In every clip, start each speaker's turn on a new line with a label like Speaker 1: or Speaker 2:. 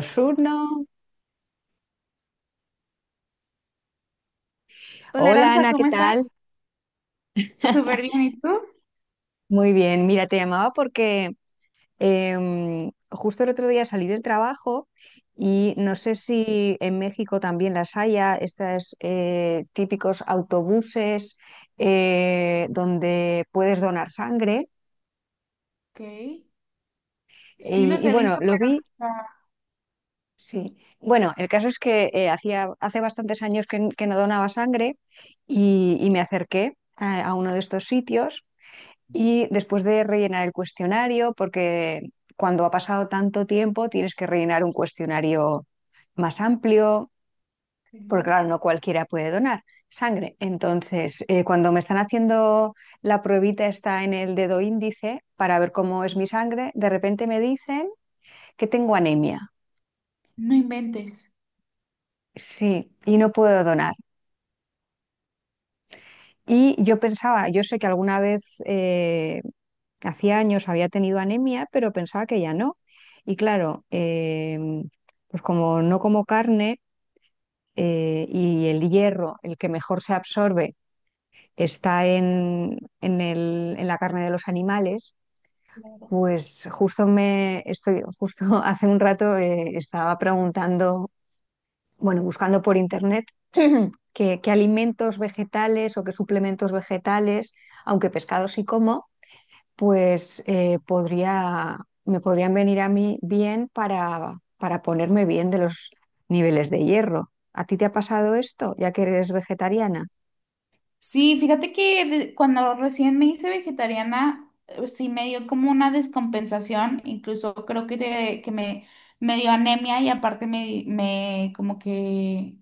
Speaker 1: Ayuno.
Speaker 2: Hola
Speaker 1: Hola
Speaker 2: Aranza,
Speaker 1: Ana, ¿qué
Speaker 2: ¿cómo estás?
Speaker 1: tal?
Speaker 2: Súper bien, ¿y tú?
Speaker 1: Muy bien, mira, te llamaba porque justo el otro día salí del trabajo y no sé si en México también las haya, estos típicos autobuses donde puedes donar sangre.
Speaker 2: Ok, sí
Speaker 1: Y,
Speaker 2: los
Speaker 1: y
Speaker 2: he
Speaker 1: bueno,
Speaker 2: visto,
Speaker 1: lo
Speaker 2: pero
Speaker 1: vi,
Speaker 2: ah,
Speaker 1: sí. Bueno, el caso es que hace bastantes años que no donaba sangre y me acerqué a uno de estos sitios. Y después de rellenar el cuestionario, porque cuando ha pasado tanto tiempo tienes que rellenar un cuestionario más amplio, porque
Speaker 2: ok.
Speaker 1: claro, no cualquiera puede donar sangre. Entonces, cuando me están haciendo la pruebita está en el dedo índice para ver cómo es mi sangre, de repente me dicen que tengo anemia.
Speaker 2: No inventes.
Speaker 1: Sí, y no puedo donar. Y yo pensaba, yo sé que alguna vez hacía años había tenido anemia, pero pensaba que ya no. Y claro, em, pues como no como carne, y el hierro, el que mejor se absorbe, está en la carne de los animales. Pues justo justo hace un rato estaba preguntando, bueno, buscando por internet qué alimentos vegetales o qué suplementos vegetales, aunque pescado sí como, pues me podrían venir a mí bien para ponerme bien de los niveles de hierro. ¿A ti te ha pasado esto, ya que eres vegetariana?
Speaker 2: Sí, fíjate que cuando recién me hice vegetariana, sí me dio como una descompensación, incluso creo que, te que me dio anemia y aparte me como que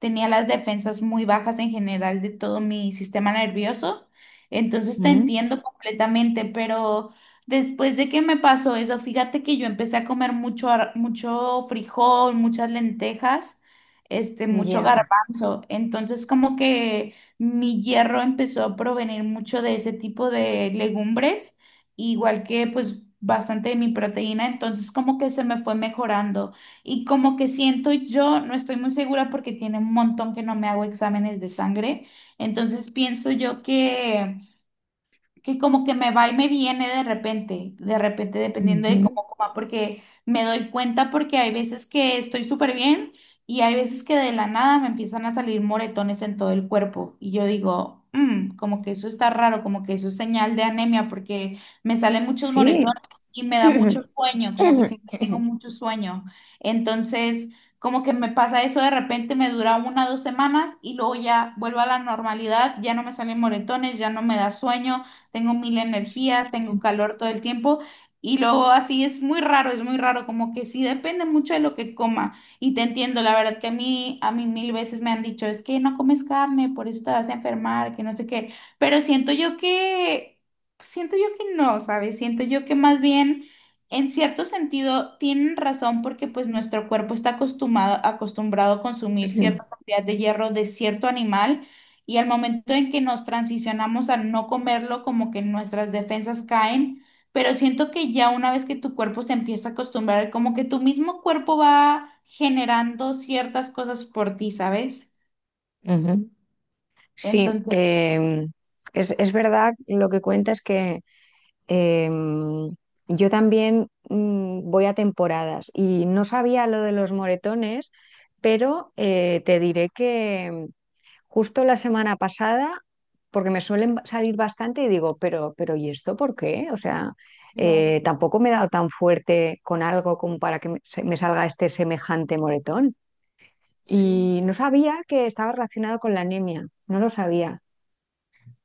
Speaker 2: tenía las defensas muy bajas en general de todo mi sistema nervioso. Entonces te
Speaker 1: Mm.
Speaker 2: entiendo completamente, pero después de que me pasó eso, fíjate que yo empecé a comer mucho, mucho frijol, muchas lentejas, este, mucho
Speaker 1: Ya.
Speaker 2: garbanzo. Entonces como que mi hierro empezó a provenir mucho de ese tipo de legumbres, igual que pues bastante de mi proteína, entonces como que se me fue mejorando y como que siento yo, no estoy muy segura porque tiene un montón que no me hago exámenes de sangre, entonces pienso yo que como que me va y me viene de repente dependiendo de
Speaker 1: Ujú.
Speaker 2: cómo coma, porque me doy cuenta porque hay veces que estoy súper bien y hay veces que de la nada me empiezan a salir moretones en todo el cuerpo y yo digo, "Mm, como que eso está raro, como que eso es señal de anemia porque me salen muchos
Speaker 1: Sí.
Speaker 2: moretones y me da mucho sueño, como que siempre tengo mucho sueño. Entonces, como que me pasa eso de repente, me dura una o dos semanas y luego ya vuelvo a la normalidad, ya no me salen moretones, ya no me da sueño, tengo mil energía, tengo
Speaker 1: Ujú.
Speaker 2: calor todo el tiempo y luego así es muy raro, como que sí depende mucho de lo que coma y te entiendo, la verdad que a mí mil veces me han dicho, es que no comes carne, por eso te vas a enfermar, que no sé qué, pero siento yo que no, ¿sabes? Siento yo que más bien... En cierto sentido, tienen razón porque pues nuestro cuerpo está acostumbrado, acostumbrado a consumir cierta cantidad de hierro de cierto animal y al momento en que nos transicionamos a no comerlo, como que nuestras defensas caen, pero siento que ya una vez que tu cuerpo se empieza a acostumbrar, como que tu mismo cuerpo va generando ciertas cosas por ti, ¿sabes?
Speaker 1: Sí,
Speaker 2: Entonces,
Speaker 1: es verdad lo que cuentas que Em, yo también voy a temporadas y no sabía lo de los moretones, pero te diré que justo la semana pasada, porque me suelen salir bastante y digo, pero, ¿pero y esto por qué? O sea,
Speaker 2: claro,
Speaker 1: tampoco me he dado tan fuerte con algo como para que me salga este semejante moretón.
Speaker 2: sí.
Speaker 1: Y no sabía que estaba relacionado con la anemia, no lo sabía.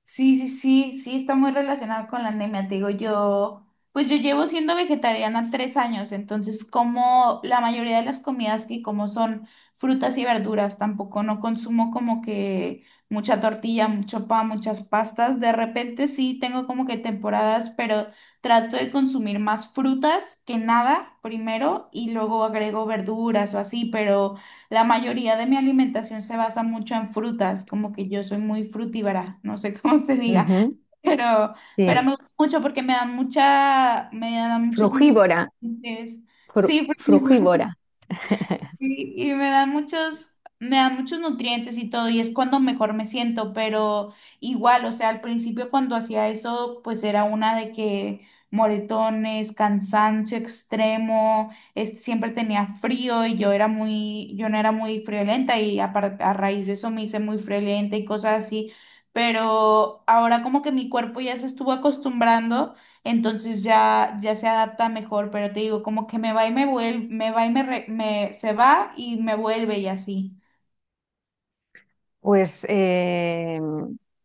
Speaker 2: Sí, sí, sí, sí, está muy relacionado con la anemia. Te digo, yo, pues yo llevo siendo vegetariana tres años, entonces como la mayoría de las comidas que como son frutas y verduras, tampoco no consumo como que mucha tortilla, mucho pan, muchas pastas. De repente sí tengo como que temporadas, pero trato de consumir más frutas que nada primero y luego agrego verduras o así, pero... La mayoría de mi alimentación se basa mucho en frutas, como que yo soy muy frutíbara, no sé cómo se diga,
Speaker 1: Ujú.
Speaker 2: pero, pero
Speaker 1: Sí,
Speaker 2: me gusta mucho porque me da mucha, me da muchos
Speaker 1: frugívora,
Speaker 2: nutrientes. Sí, frutívora.
Speaker 1: frugívora.
Speaker 2: Sí, y me dan muchos nutrientes y todo, y es cuando mejor me siento, pero igual, o sea, al principio cuando hacía eso, pues era una de que moretones, cansancio extremo, siempre tenía frío y yo era muy, yo no era muy friolenta y a raíz de eso me hice muy friolenta y cosas así, pero ahora como que mi cuerpo ya se estuvo acostumbrando entonces ya, ya se adapta mejor, pero te digo, como que me va y me vuelve, me va y me, se va y me vuelve y así.
Speaker 1: Pues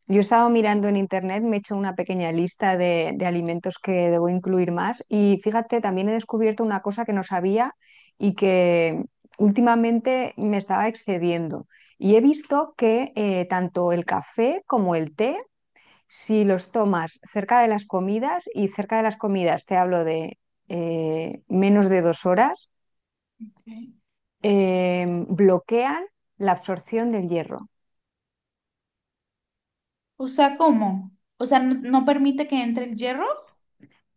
Speaker 1: yo he estado mirando en internet, me he hecho una pequeña lista de alimentos que debo incluir más y fíjate, también he descubierto una cosa que no sabía y que últimamente me estaba excediendo. Y he visto que tanto el café como el té, si los tomas cerca de las comidas y cerca de las comidas, te hablo de menos de 2 horas,
Speaker 2: Ok.
Speaker 1: bloquean la absorción del hierro.
Speaker 2: O sea, ¿cómo? O sea, no, no permite que entre el hierro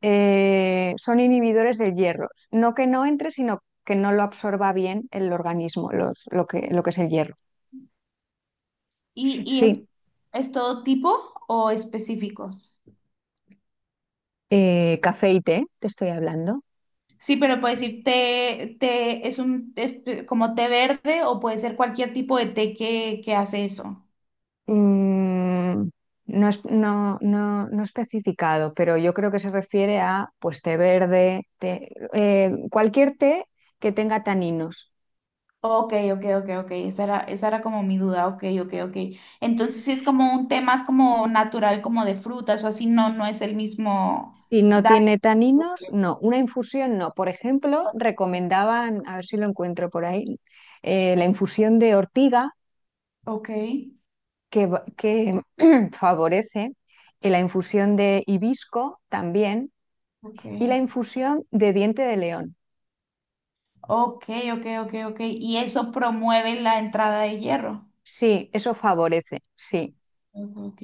Speaker 1: Son inhibidores del hierro. No que no entre, sino que no lo absorba bien el organismo, lo que es el hierro.
Speaker 2: y
Speaker 1: Sí,
Speaker 2: es todo tipo o específicos.
Speaker 1: café y té, te estoy hablando.
Speaker 2: Sí, pero puede decir té, té es un es como té verde o puede ser cualquier tipo de té que hace eso.
Speaker 1: Mm, no es, no, no, no especificado, pero yo creo que se refiere a, pues, té verde, cualquier té que tenga taninos.
Speaker 2: Ok, ok, ok, ok. Esa era como mi duda. Ok, ok, ok. Entonces sí es como un tema, es como natural, como de frutas o así, no, no es el mismo
Speaker 1: Si no
Speaker 2: daño.
Speaker 1: tiene taninos, no. Una infusión, no. Por ejemplo, recomendaban, a ver si lo encuentro por ahí, la infusión de ortiga
Speaker 2: Ok,
Speaker 1: que favorece, la infusión de hibisco también
Speaker 2: ok.
Speaker 1: y la infusión de diente de león.
Speaker 2: Ok, ok, ok, ok. Y eso promueve la entrada de hierro.
Speaker 1: Sí, eso favorece, sí,
Speaker 2: Ok, ok.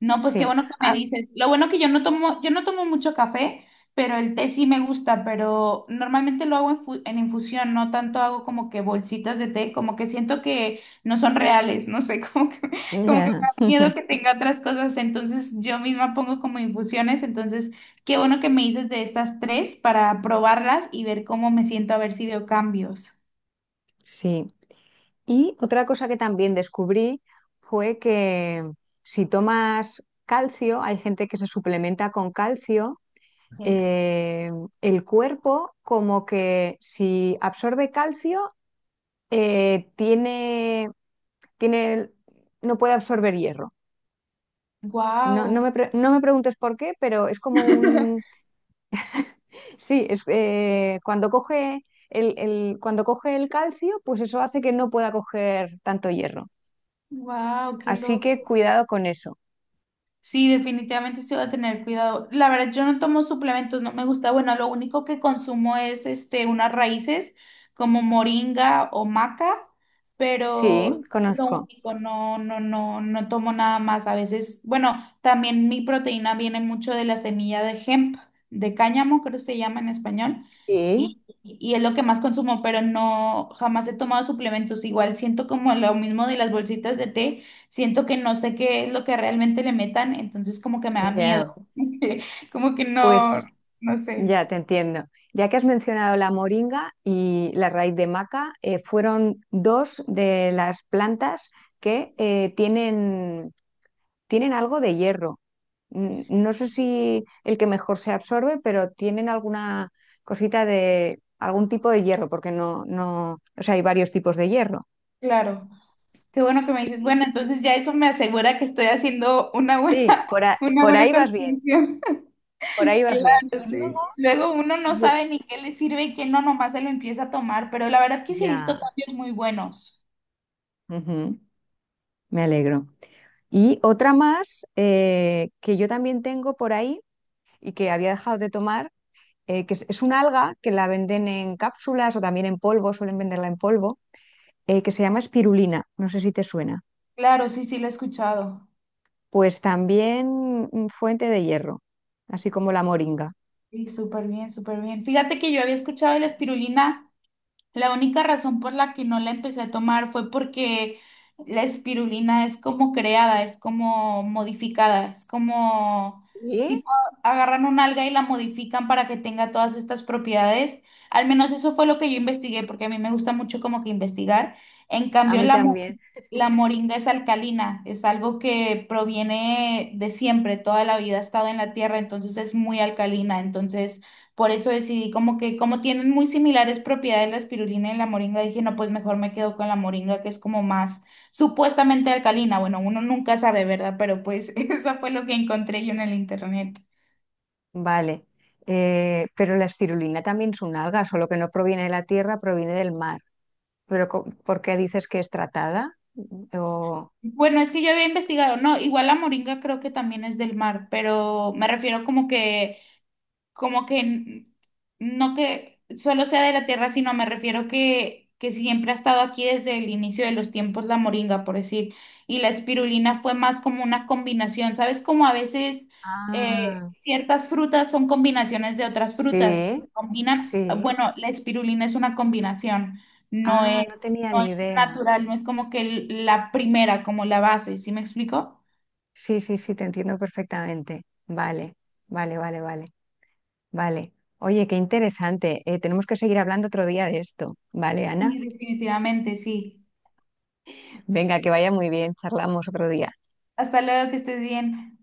Speaker 2: No, pues qué
Speaker 1: sí.
Speaker 2: bueno que me
Speaker 1: Ah,
Speaker 2: dices. Lo bueno que yo no tomo mucho café, pero el té sí me gusta, pero normalmente lo hago en, en infusión, no tanto hago como que bolsitas de té, como que siento que no son reales, no sé, como que me
Speaker 1: ya,
Speaker 2: da miedo que tenga otras cosas, entonces yo misma pongo como infusiones, entonces qué bueno que me dices de estas tres para probarlas y ver cómo me siento, a ver si veo cambios.
Speaker 1: sí. Y otra cosa que también descubrí fue que si tomas calcio, hay gente que se suplementa con calcio, eh, el cuerpo como que si absorbe calcio, tiene, tiene, no puede absorber hierro. No,
Speaker 2: Wow,
Speaker 1: no me preguntes por qué, pero es como un... Sí, es, cuando coge el calcio, pues eso hace que no pueda coger tanto hierro.
Speaker 2: wow, qué
Speaker 1: Así que
Speaker 2: loco.
Speaker 1: cuidado con eso.
Speaker 2: Sí, definitivamente se va a tener cuidado. La verdad, yo no tomo suplementos, no me gusta. Bueno, lo único que consumo es este, unas raíces como moringa o maca,
Speaker 1: Sí,
Speaker 2: pero es lo
Speaker 1: conozco.
Speaker 2: único, no, no, no, no tomo nada más. A veces, bueno, también mi proteína viene mucho de la semilla de hemp, de cáñamo, creo que se llama en español,
Speaker 1: Sí,
Speaker 2: y es lo que más consumo, pero no, jamás he tomado suplementos. Igual siento como lo mismo de las bolsitas de té. Siento que no sé qué es lo que realmente le metan, entonces como que me da miedo,
Speaker 1: ya.
Speaker 2: como que no,
Speaker 1: Pues
Speaker 2: no sé,
Speaker 1: ya te entiendo. Ya que has mencionado la moringa y la raíz de maca, fueron dos de las plantas que tienen algo de hierro. No sé si el que mejor se absorbe, pero tienen alguna cosita de algún tipo de hierro, porque no, no, o sea, hay varios tipos de hierro.
Speaker 2: claro. Qué bueno que me dices, bueno, entonces ya eso me asegura que estoy haciendo una buena,
Speaker 1: Sí.
Speaker 2: una
Speaker 1: Por
Speaker 2: buena
Speaker 1: ahí vas bien,
Speaker 2: contribución.
Speaker 1: por ahí vas bien.
Speaker 2: Claro,
Speaker 1: Y luego,
Speaker 2: sí. Luego uno no
Speaker 1: yo-
Speaker 2: sabe ni qué le sirve y qué no, nomás se lo empieza a tomar, pero la verdad que sí he visto
Speaker 1: ya.
Speaker 2: cambios muy buenos.
Speaker 1: Ujú, me alegro. Y otra más, que yo también tengo por ahí y que había dejado de tomar, que es una alga que la venden en cápsulas o también en polvo, suelen venderla en polvo, que se llama espirulina. No sé si te suena.
Speaker 2: Claro, sí, sí, lo he escuchado.
Speaker 1: Pues también, fuente de hierro, así como la moringa.
Speaker 2: Sí, súper bien, súper bien. Fíjate que yo había escuchado de la espirulina. La única razón por la que no la empecé a tomar fue porque la espirulina es como creada, es como modificada, es como
Speaker 1: ¿Y?
Speaker 2: tipo agarran un alga y la modifican para que tenga todas estas propiedades. Al menos eso fue lo que yo investigué, porque a mí me gusta mucho como que investigar. En
Speaker 1: A
Speaker 2: cambio,
Speaker 1: mí también.
Speaker 2: la moringa es alcalina, es algo que proviene de siempre, toda la vida ha estado en la tierra, entonces es muy alcalina, entonces por eso decidí como que, como tienen muy similares propiedades la espirulina y la moringa, dije, no, pues mejor me quedo con la moringa, que es como más supuestamente alcalina. Bueno, uno nunca sabe, ¿verdad? Pero pues eso fue lo que encontré yo en el internet.
Speaker 1: Vale. Pero la espirulina también es un alga, solo que no proviene de la tierra, proviene del mar. Pero ¿por qué dices que es tratada? Mm.
Speaker 2: Bueno, es que yo había investigado, no, igual la moringa creo que también es del mar, pero me refiero como que como que n- no que solo sea de la tierra, sino me refiero que siempre ha estado aquí desde el inicio de los tiempos la moringa, por decir, y la espirulina fue más como una combinación, ¿sabes? Como a veces
Speaker 1: Ah,
Speaker 2: ciertas frutas son combinaciones de otras frutas,
Speaker 1: sí,
Speaker 2: combinan,
Speaker 1: sí.
Speaker 2: bueno, la espirulina es una combinación, no
Speaker 1: Ah,
Speaker 2: es,
Speaker 1: no tenía
Speaker 2: no
Speaker 1: ni
Speaker 2: es
Speaker 1: idea.
Speaker 2: natural, no es como que la primera, como la base, ¿sí me explico?
Speaker 1: Sí, sí, sí, te entiendo perfectamente. Vale, vale, vale, vale, vale. Oye, qué interesante. Tenemos que seguir hablando otro día de esto. Vale, Ana.
Speaker 2: Sí, definitivamente, sí.
Speaker 1: Venga, que vaya muy bien, charlamos otro día.
Speaker 2: Hasta luego, que estés bien.